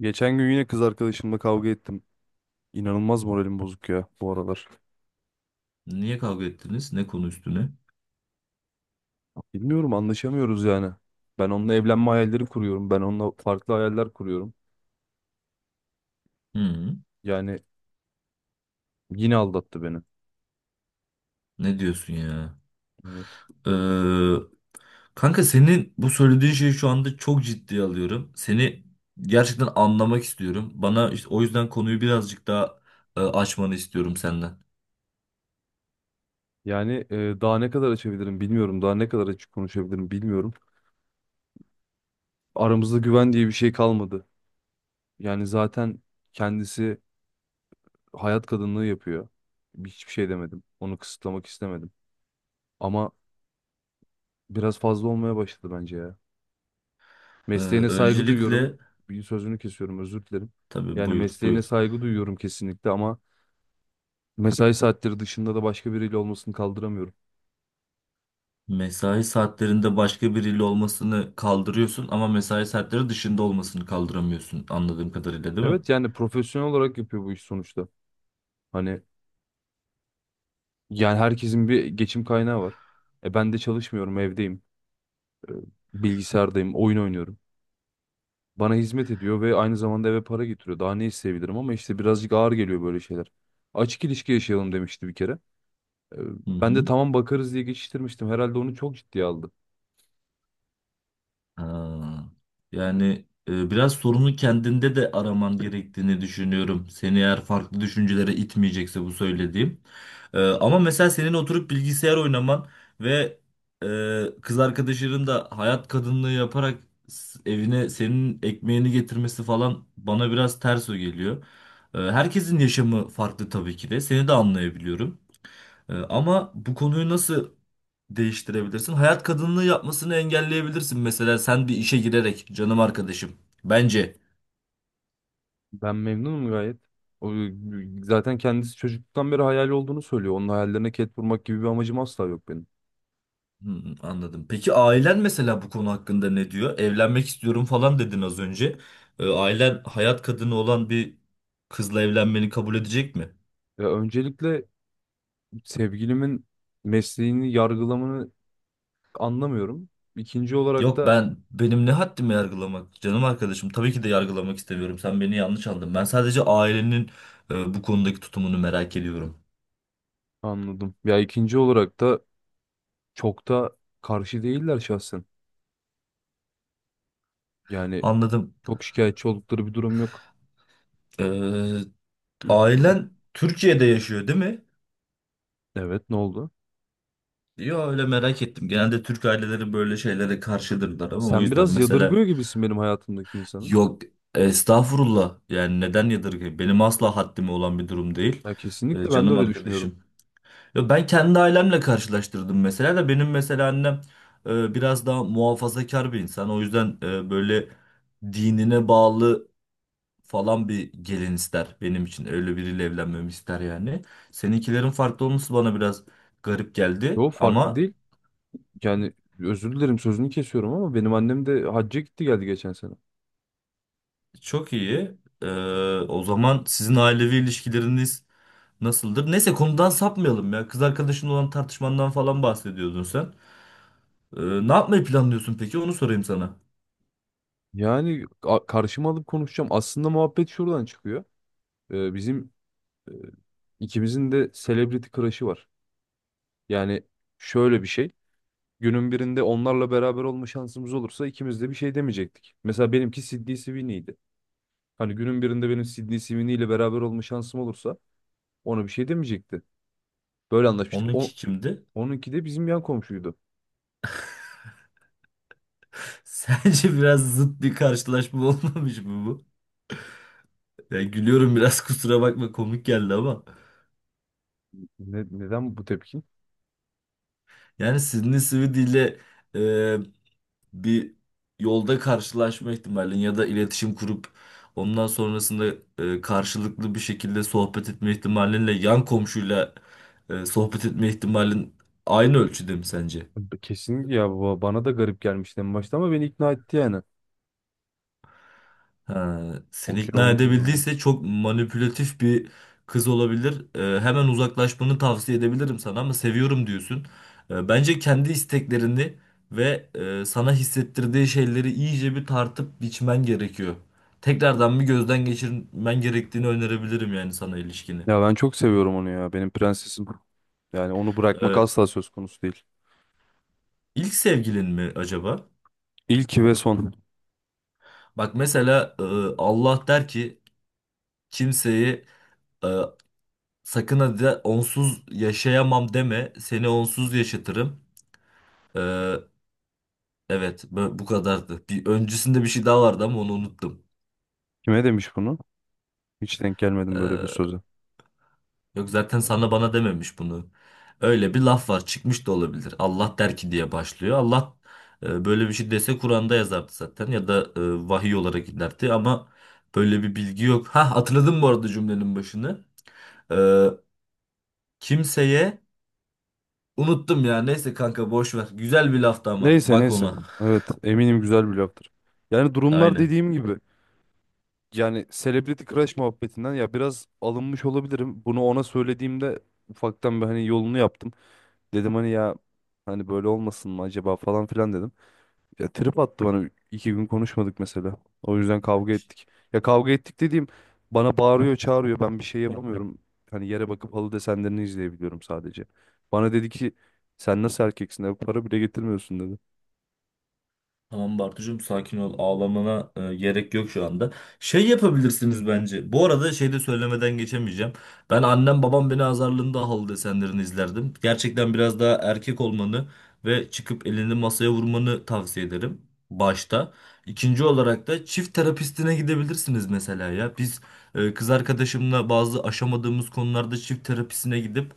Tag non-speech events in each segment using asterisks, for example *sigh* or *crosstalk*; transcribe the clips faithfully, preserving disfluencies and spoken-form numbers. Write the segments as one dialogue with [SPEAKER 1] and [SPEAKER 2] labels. [SPEAKER 1] Geçen gün yine kız arkadaşımla kavga ettim. İnanılmaz moralim bozuk ya bu aralar.
[SPEAKER 2] Niye kavga ettiniz? Ne konu üstüne?
[SPEAKER 1] Bilmiyorum anlaşamıyoruz yani. Ben onunla evlenme hayalleri kuruyorum. Ben onunla farklı hayaller kuruyorum.
[SPEAKER 2] Hı,
[SPEAKER 1] Yani yine aldattı beni.
[SPEAKER 2] ne diyorsun ya?
[SPEAKER 1] Evet.
[SPEAKER 2] Ee, Kanka, senin bu söylediğin şeyi şu anda çok ciddiye alıyorum. Seni gerçekten anlamak istiyorum. Bana işte o yüzden konuyu birazcık daha e, açmanı istiyorum senden.
[SPEAKER 1] Yani e, daha ne kadar açabilirim bilmiyorum. Daha ne kadar açık konuşabilirim bilmiyorum. Aramızda güven diye bir şey kalmadı. Yani zaten kendisi hayat kadınlığı yapıyor. Hiçbir şey demedim. Onu kısıtlamak istemedim. Ama biraz fazla olmaya başladı bence ya.
[SPEAKER 2] Ee,
[SPEAKER 1] Mesleğine saygı duyuyorum.
[SPEAKER 2] Öncelikle
[SPEAKER 1] Bir sözünü kesiyorum, özür dilerim.
[SPEAKER 2] tabii,
[SPEAKER 1] Yani
[SPEAKER 2] buyur
[SPEAKER 1] mesleğine
[SPEAKER 2] buyur.
[SPEAKER 1] saygı duyuyorum kesinlikle ama mesai saatleri dışında da başka biriyle olmasını kaldıramıyorum.
[SPEAKER 2] Mesai saatlerinde başka biriyle olmasını kaldırıyorsun ama mesai saatleri dışında olmasını kaldıramıyorsun, anladığım kadarıyla, değil mi?
[SPEAKER 1] Evet yani profesyonel olarak yapıyor bu iş sonuçta. Hani yani herkesin bir geçim kaynağı var. E ben de çalışmıyorum, evdeyim. E, Bilgisayardayım, oyun oynuyorum. Bana hizmet ediyor ve aynı zamanda eve para getiriyor. Daha ne isteyebilirim ama işte birazcık ağır geliyor böyle şeyler. Açık ilişki yaşayalım demişti bir kere. E,
[SPEAKER 2] Hı
[SPEAKER 1] Ben de
[SPEAKER 2] hı.
[SPEAKER 1] tamam bakarız diye geçiştirmiştim. Herhalde onu çok ciddiye aldı.
[SPEAKER 2] Ha, yani e, biraz sorunu kendinde de araman gerektiğini düşünüyorum. Seni eğer farklı düşüncelere itmeyecekse bu söylediğim. E, ama mesela senin oturup bilgisayar oynaman ve e, kız arkadaşının da hayat kadınlığı yaparak s- evine senin ekmeğini getirmesi falan bana biraz ters o geliyor. E, herkesin yaşamı farklı tabii ki de. Seni de anlayabiliyorum. E, ama bu konuyu nasıl değiştirebilirsin? Hayat kadınlığı yapmasını engelleyebilirsin. Mesela sen bir işe girerek, canım arkadaşım. Bence.
[SPEAKER 1] Ben memnunum gayet. O, Zaten kendisi çocukluktan beri hayali olduğunu söylüyor. Onun hayallerine ket vurmak gibi bir amacım asla yok benim.
[SPEAKER 2] Hmm, anladım. Peki ailen mesela bu konu hakkında ne diyor? Evlenmek istiyorum falan dedin az önce. Ee, ailen hayat kadını olan bir kızla evlenmeni kabul edecek mi?
[SPEAKER 1] Ya öncelikle sevgilimin mesleğini yargılamanı anlamıyorum. İkinci olarak
[SPEAKER 2] Yok,
[SPEAKER 1] da
[SPEAKER 2] ben, benim ne haddime yargılamak, canım arkadaşım. Tabii ki de yargılamak istemiyorum, sen beni yanlış anladın. Ben sadece ailenin e, bu konudaki tutumunu merak ediyorum.
[SPEAKER 1] anladım. Ya ikinci olarak da çok da karşı değiller şahsen. Yani
[SPEAKER 2] Anladım.
[SPEAKER 1] çok şikayetçi oldukları bir durum yok.
[SPEAKER 2] Ee, Ailen Türkiye'de yaşıyor, değil mi?
[SPEAKER 1] Evet, ne oldu?
[SPEAKER 2] Yo, öyle merak ettim. Genelde Türk aileleri böyle şeylere karşıdırlar ama, o
[SPEAKER 1] Sen
[SPEAKER 2] yüzden
[SPEAKER 1] biraz
[SPEAKER 2] mesela.
[SPEAKER 1] yadırgıyor gibisin benim hayatımdaki insanı.
[SPEAKER 2] Yok, estağfurullah, yani neden yadırgayım? Benim asla haddime olan bir durum değil.
[SPEAKER 1] Ya
[SPEAKER 2] Ee,
[SPEAKER 1] kesinlikle ben de
[SPEAKER 2] canım
[SPEAKER 1] öyle düşünüyorum.
[SPEAKER 2] arkadaşım. Ya ben kendi ailemle karşılaştırdım mesela da, benim mesela annem e, biraz daha muhafazakar bir insan. O yüzden e, böyle dinine bağlı falan bir gelin ister benim için. Öyle biriyle evlenmemi ister yani. Seninkilerin farklı olması bana biraz garip geldi
[SPEAKER 1] Yo farklı
[SPEAKER 2] ama.
[SPEAKER 1] değil. Yani özür dilerim sözünü kesiyorum ama benim annem de hacca gitti geldi geçen sene.
[SPEAKER 2] Çok iyi. Ee, O zaman sizin ailevi ilişkileriniz nasıldır? Neyse, konudan sapmayalım ya. Kız arkadaşın olan tartışmandan falan bahsediyordun sen. Ee, Ne yapmayı planlıyorsun peki? Onu sorayım sana.
[SPEAKER 1] Yani a- karşıma alıp konuşacağım. Aslında muhabbet şuradan çıkıyor. Ee, bizim e, ikimizin de celebrity crush'ı var. Yani şöyle bir şey. Günün birinde onlarla beraber olma şansımız olursa ikimiz de bir şey demeyecektik. Mesela benimki Sydney Sweeney'di. Hani günün birinde benim Sydney Sweeney ile beraber olma şansım olursa ona bir şey demeyecekti. Böyle anlaşmıştık.
[SPEAKER 2] Onunki
[SPEAKER 1] O,
[SPEAKER 2] kimdi?
[SPEAKER 1] onunki de bizim yan komşuydu.
[SPEAKER 2] *laughs* Sence biraz zıt bir karşılaşma *laughs* olmamış mı bu? Ya gülüyorum biraz, *laughs* kusura bakma, komik geldi ama.
[SPEAKER 1] Ne- neden bu tepki?
[SPEAKER 2] Yani Sydney Sweeney ile e, bir yolda karşılaşma ihtimalin ya da iletişim kurup ondan sonrasında e, karşılıklı bir şekilde sohbet etme ihtimalinle yan komşuyla e, sohbet etme ihtimalin aynı ölçüde mi sence?
[SPEAKER 1] Kesinlikle ya baba. Bana da garip gelmişti en başta ama beni ikna etti yani.
[SPEAKER 2] Ha, seni
[SPEAKER 1] Okey
[SPEAKER 2] ikna
[SPEAKER 1] oldu bu durum.
[SPEAKER 2] edebildiyse çok manipülatif bir kız olabilir. Ee, hemen uzaklaşmanı tavsiye edebilirim sana ama seviyorum diyorsun. Ee, bence kendi isteklerini ve e, sana hissettirdiği şeyleri iyice bir tartıp biçmen gerekiyor. Tekrardan bir gözden geçirmen gerektiğini önerebilirim yani sana, ilişkini.
[SPEAKER 1] Ya ben çok seviyorum onu ya. Benim prensesim. Yani onu bırakmak
[SPEAKER 2] Ee,
[SPEAKER 1] asla söz konusu değil.
[SPEAKER 2] ilk sevgilin mi acaba?
[SPEAKER 1] İlki ve son.
[SPEAKER 2] Bak mesela, e, Allah der ki, kimseyi, e, sakın hadi onsuz yaşayamam deme, seni onsuz yaşatırım. Ee, evet, bu bu kadardı. Bir öncesinde bir şey daha vardı ama onu unuttum.
[SPEAKER 1] Kime demiş bunu? Hiç denk gelmedim böyle bir
[SPEAKER 2] Ee,
[SPEAKER 1] söze.
[SPEAKER 2] Yok, zaten sana bana dememiş bunu. Öyle bir laf var, çıkmış da olabilir. Allah der ki diye başlıyor. Allah e, böyle bir şey dese Kur'an'da yazardı zaten, ya da e, vahiy olarak giderdi ama böyle bir bilgi yok. Ha, hatırladım bu arada cümlenin başını. Ee, Kimseye, unuttum ya, neyse kanka, boş ver. Güzel bir laftı ama,
[SPEAKER 1] Neyse
[SPEAKER 2] bak
[SPEAKER 1] neyse.
[SPEAKER 2] ona.
[SPEAKER 1] Evet eminim güzel bir laftır. Yani
[SPEAKER 2] *laughs*
[SPEAKER 1] durumlar
[SPEAKER 2] Aynen.
[SPEAKER 1] dediğim gibi. Yani Celebrity Crush muhabbetinden ya biraz alınmış olabilirim. Bunu ona söylediğimde ufaktan bir hani yolunu yaptım. Dedim hani ya hani böyle olmasın mı acaba falan filan dedim. Ya trip attı bana. İki gün konuşmadık mesela. O yüzden kavga ettik. Ya kavga ettik dediğim bana bağırıyor çağırıyor. Ben bir şey yapamıyorum. Hani yere bakıp halı desenlerini izleyebiliyorum sadece. Bana dedi ki sen nasıl erkeksin? Eve para bile getirmiyorsun dedi.
[SPEAKER 2] Tamam Bartucuğum, sakin ol. Ağlamana e, gerek yok şu anda. Şey yapabilirsiniz bence. Bu arada şey de söylemeden geçemeyeceğim. Ben, annem babam beni azarlığında halı desenlerini izlerdim. Gerçekten biraz daha erkek olmanı ve çıkıp elini masaya vurmanı tavsiye ederim. Başta. İkinci olarak da çift terapistine gidebilirsiniz mesela ya. Biz e, kız arkadaşımla bazı aşamadığımız konularda çift terapisine gidip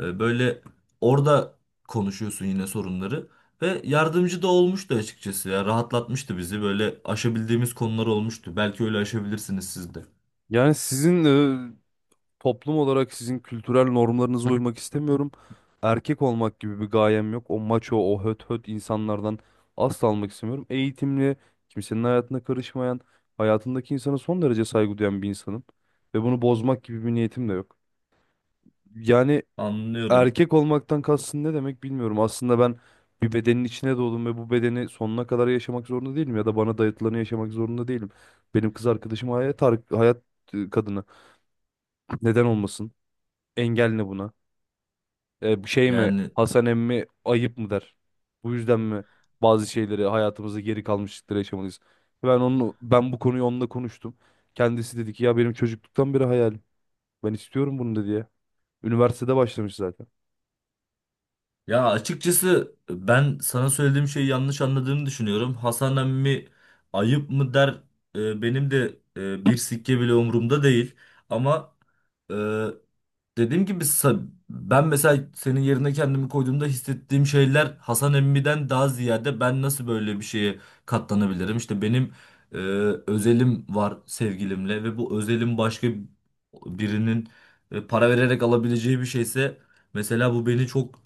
[SPEAKER 2] e, böyle orada konuşuyorsun yine sorunları. Ve yardımcı da olmuştu açıkçası ya. Rahatlatmıştı bizi. Böyle aşabildiğimiz konular olmuştu. Belki öyle aşabilirsiniz siz de.
[SPEAKER 1] Yani sizin toplum olarak sizin kültürel normlarınıza uymak istemiyorum. Erkek olmak gibi bir gayem yok. O maço, o höt höt insanlardan asla almak istemiyorum. Eğitimli, kimsenin hayatına karışmayan, hayatındaki insana son derece saygı duyan bir insanım. Ve bunu bozmak gibi bir niyetim de yok. Yani
[SPEAKER 2] Anlıyorum.
[SPEAKER 1] erkek olmaktan kastın ne demek bilmiyorum. Aslında ben bir bedenin içine doğdum ve bu bedeni sonuna kadar yaşamak zorunda değilim. Ya da bana dayatılanı yaşamak zorunda değilim. Benim kız arkadaşım hayat, hayat e, kadını. Neden olmasın? Engel ne buna? E, şey mi
[SPEAKER 2] Yani
[SPEAKER 1] Hasan emmi ayıp mı der. Bu yüzden mi bazı şeyleri hayatımızda geri kalmışlıkları yaşamalıyız. Ben onu ben bu konuyu onunla konuştum. Kendisi dedi ki ya benim çocukluktan beri hayalim. Ben istiyorum bunu dedi ya. Üniversitede başlamış zaten.
[SPEAKER 2] ya, açıkçası ben sana söylediğim şeyi yanlış anladığını düşünüyorum. Hasan emmi ayıp mı der, e, benim de e, bir sikke bile umurumda değil. Ama e, dediğim gibi, sa- ben mesela senin yerine kendimi koyduğumda hissettiğim şeyler Hasan Emmi'den daha ziyade ben nasıl böyle bir şeye katlanabilirim? İşte benim e, özelim var sevgilimle ve bu özelim başka birinin e, para vererek alabileceği bir şeyse, mesela bu beni çok,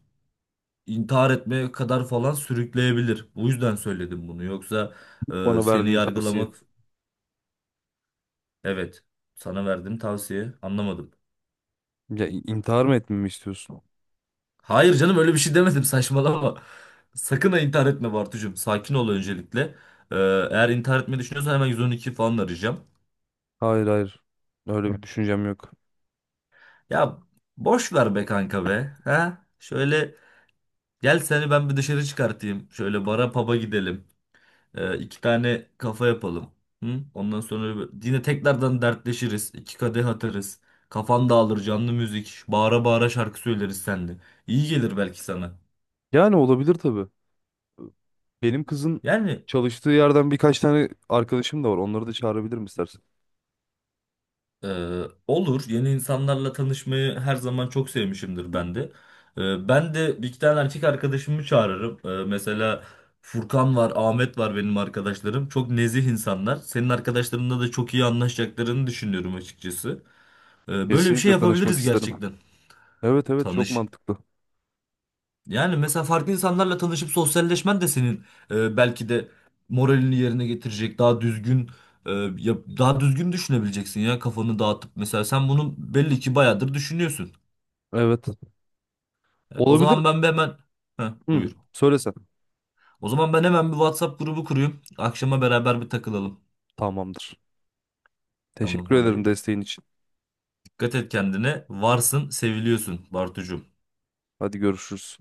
[SPEAKER 2] intihar etmeye kadar falan sürükleyebilir. Bu yüzden söyledim bunu. Yoksa e,
[SPEAKER 1] Bana
[SPEAKER 2] seni
[SPEAKER 1] verdiğin tavsiye.
[SPEAKER 2] yargılamak, evet, sana verdiğim tavsiye, anlamadım.
[SPEAKER 1] Ya in- intihar mı etmemi istiyorsun?
[SPEAKER 2] Hayır canım, öyle bir şey demedim, *laughs* saçmalama. Sakın ha, intihar etme Bartucuğum. Sakin ol öncelikle. Ee, Eğer intihar etmeyi düşünüyorsan hemen yüz on iki falan arayacağım.
[SPEAKER 1] Hayır hayır. Öyle bir düşüncem yok.
[SPEAKER 2] Ya, boş ver be kanka be. Ha? Şöyle gel, seni ben bir dışarı çıkartayım. Şöyle bara paba gidelim. Ee, iki tane kafa yapalım. Hı? Ondan sonra bir- yine tekrardan dertleşiriz. İki kadeh atarız. Kafan dağılır, canlı müzik. Bağıra bağıra şarkı söyleriz seninle. İyi gelir belki sana.
[SPEAKER 1] Yani olabilir tabii. Benim kızın
[SPEAKER 2] Yani.
[SPEAKER 1] çalıştığı yerden birkaç tane arkadaşım da var. Onları da çağırabilirim istersen.
[SPEAKER 2] Ee, olur. Yeni insanlarla tanışmayı her zaman çok sevmişimdir ben de. Ee, ben de bir iki tane erkek arkadaşımı çağırırım. Ee, mesela Furkan var, Ahmet var, benim arkadaşlarım. Çok nezih insanlar. Senin arkadaşlarınla da çok iyi anlaşacaklarını düşünüyorum açıkçası. Ee, böyle bir şey
[SPEAKER 1] Kesinlikle tanışmak
[SPEAKER 2] yapabiliriz
[SPEAKER 1] isterim.
[SPEAKER 2] gerçekten.
[SPEAKER 1] Evet evet çok
[SPEAKER 2] Tanış.
[SPEAKER 1] mantıklı.
[SPEAKER 2] Yani mesela farklı insanlarla tanışıp sosyalleşmen de senin e, belki de moralini yerine getirecek, daha düzgün, e, yap- daha düzgün düşünebileceksin ya, kafanı dağıtıp. Mesela sen bunu belli ki bayağıdır düşünüyorsun.
[SPEAKER 1] Evet.
[SPEAKER 2] Evet, o
[SPEAKER 1] Olabilir.
[SPEAKER 2] zaman ben bir hemen. Heh,
[SPEAKER 1] Hı,
[SPEAKER 2] buyur.
[SPEAKER 1] söylesen.
[SPEAKER 2] O zaman ben hemen bir WhatsApp grubu kurayım. Akşama beraber bir takılalım.
[SPEAKER 1] Tamamdır.
[SPEAKER 2] Tamam
[SPEAKER 1] Teşekkür ederim
[SPEAKER 2] hadi.
[SPEAKER 1] desteğin için.
[SPEAKER 2] Dikkat et kendine. Varsın, seviliyorsun Bartucuğum.
[SPEAKER 1] Hadi görüşürüz.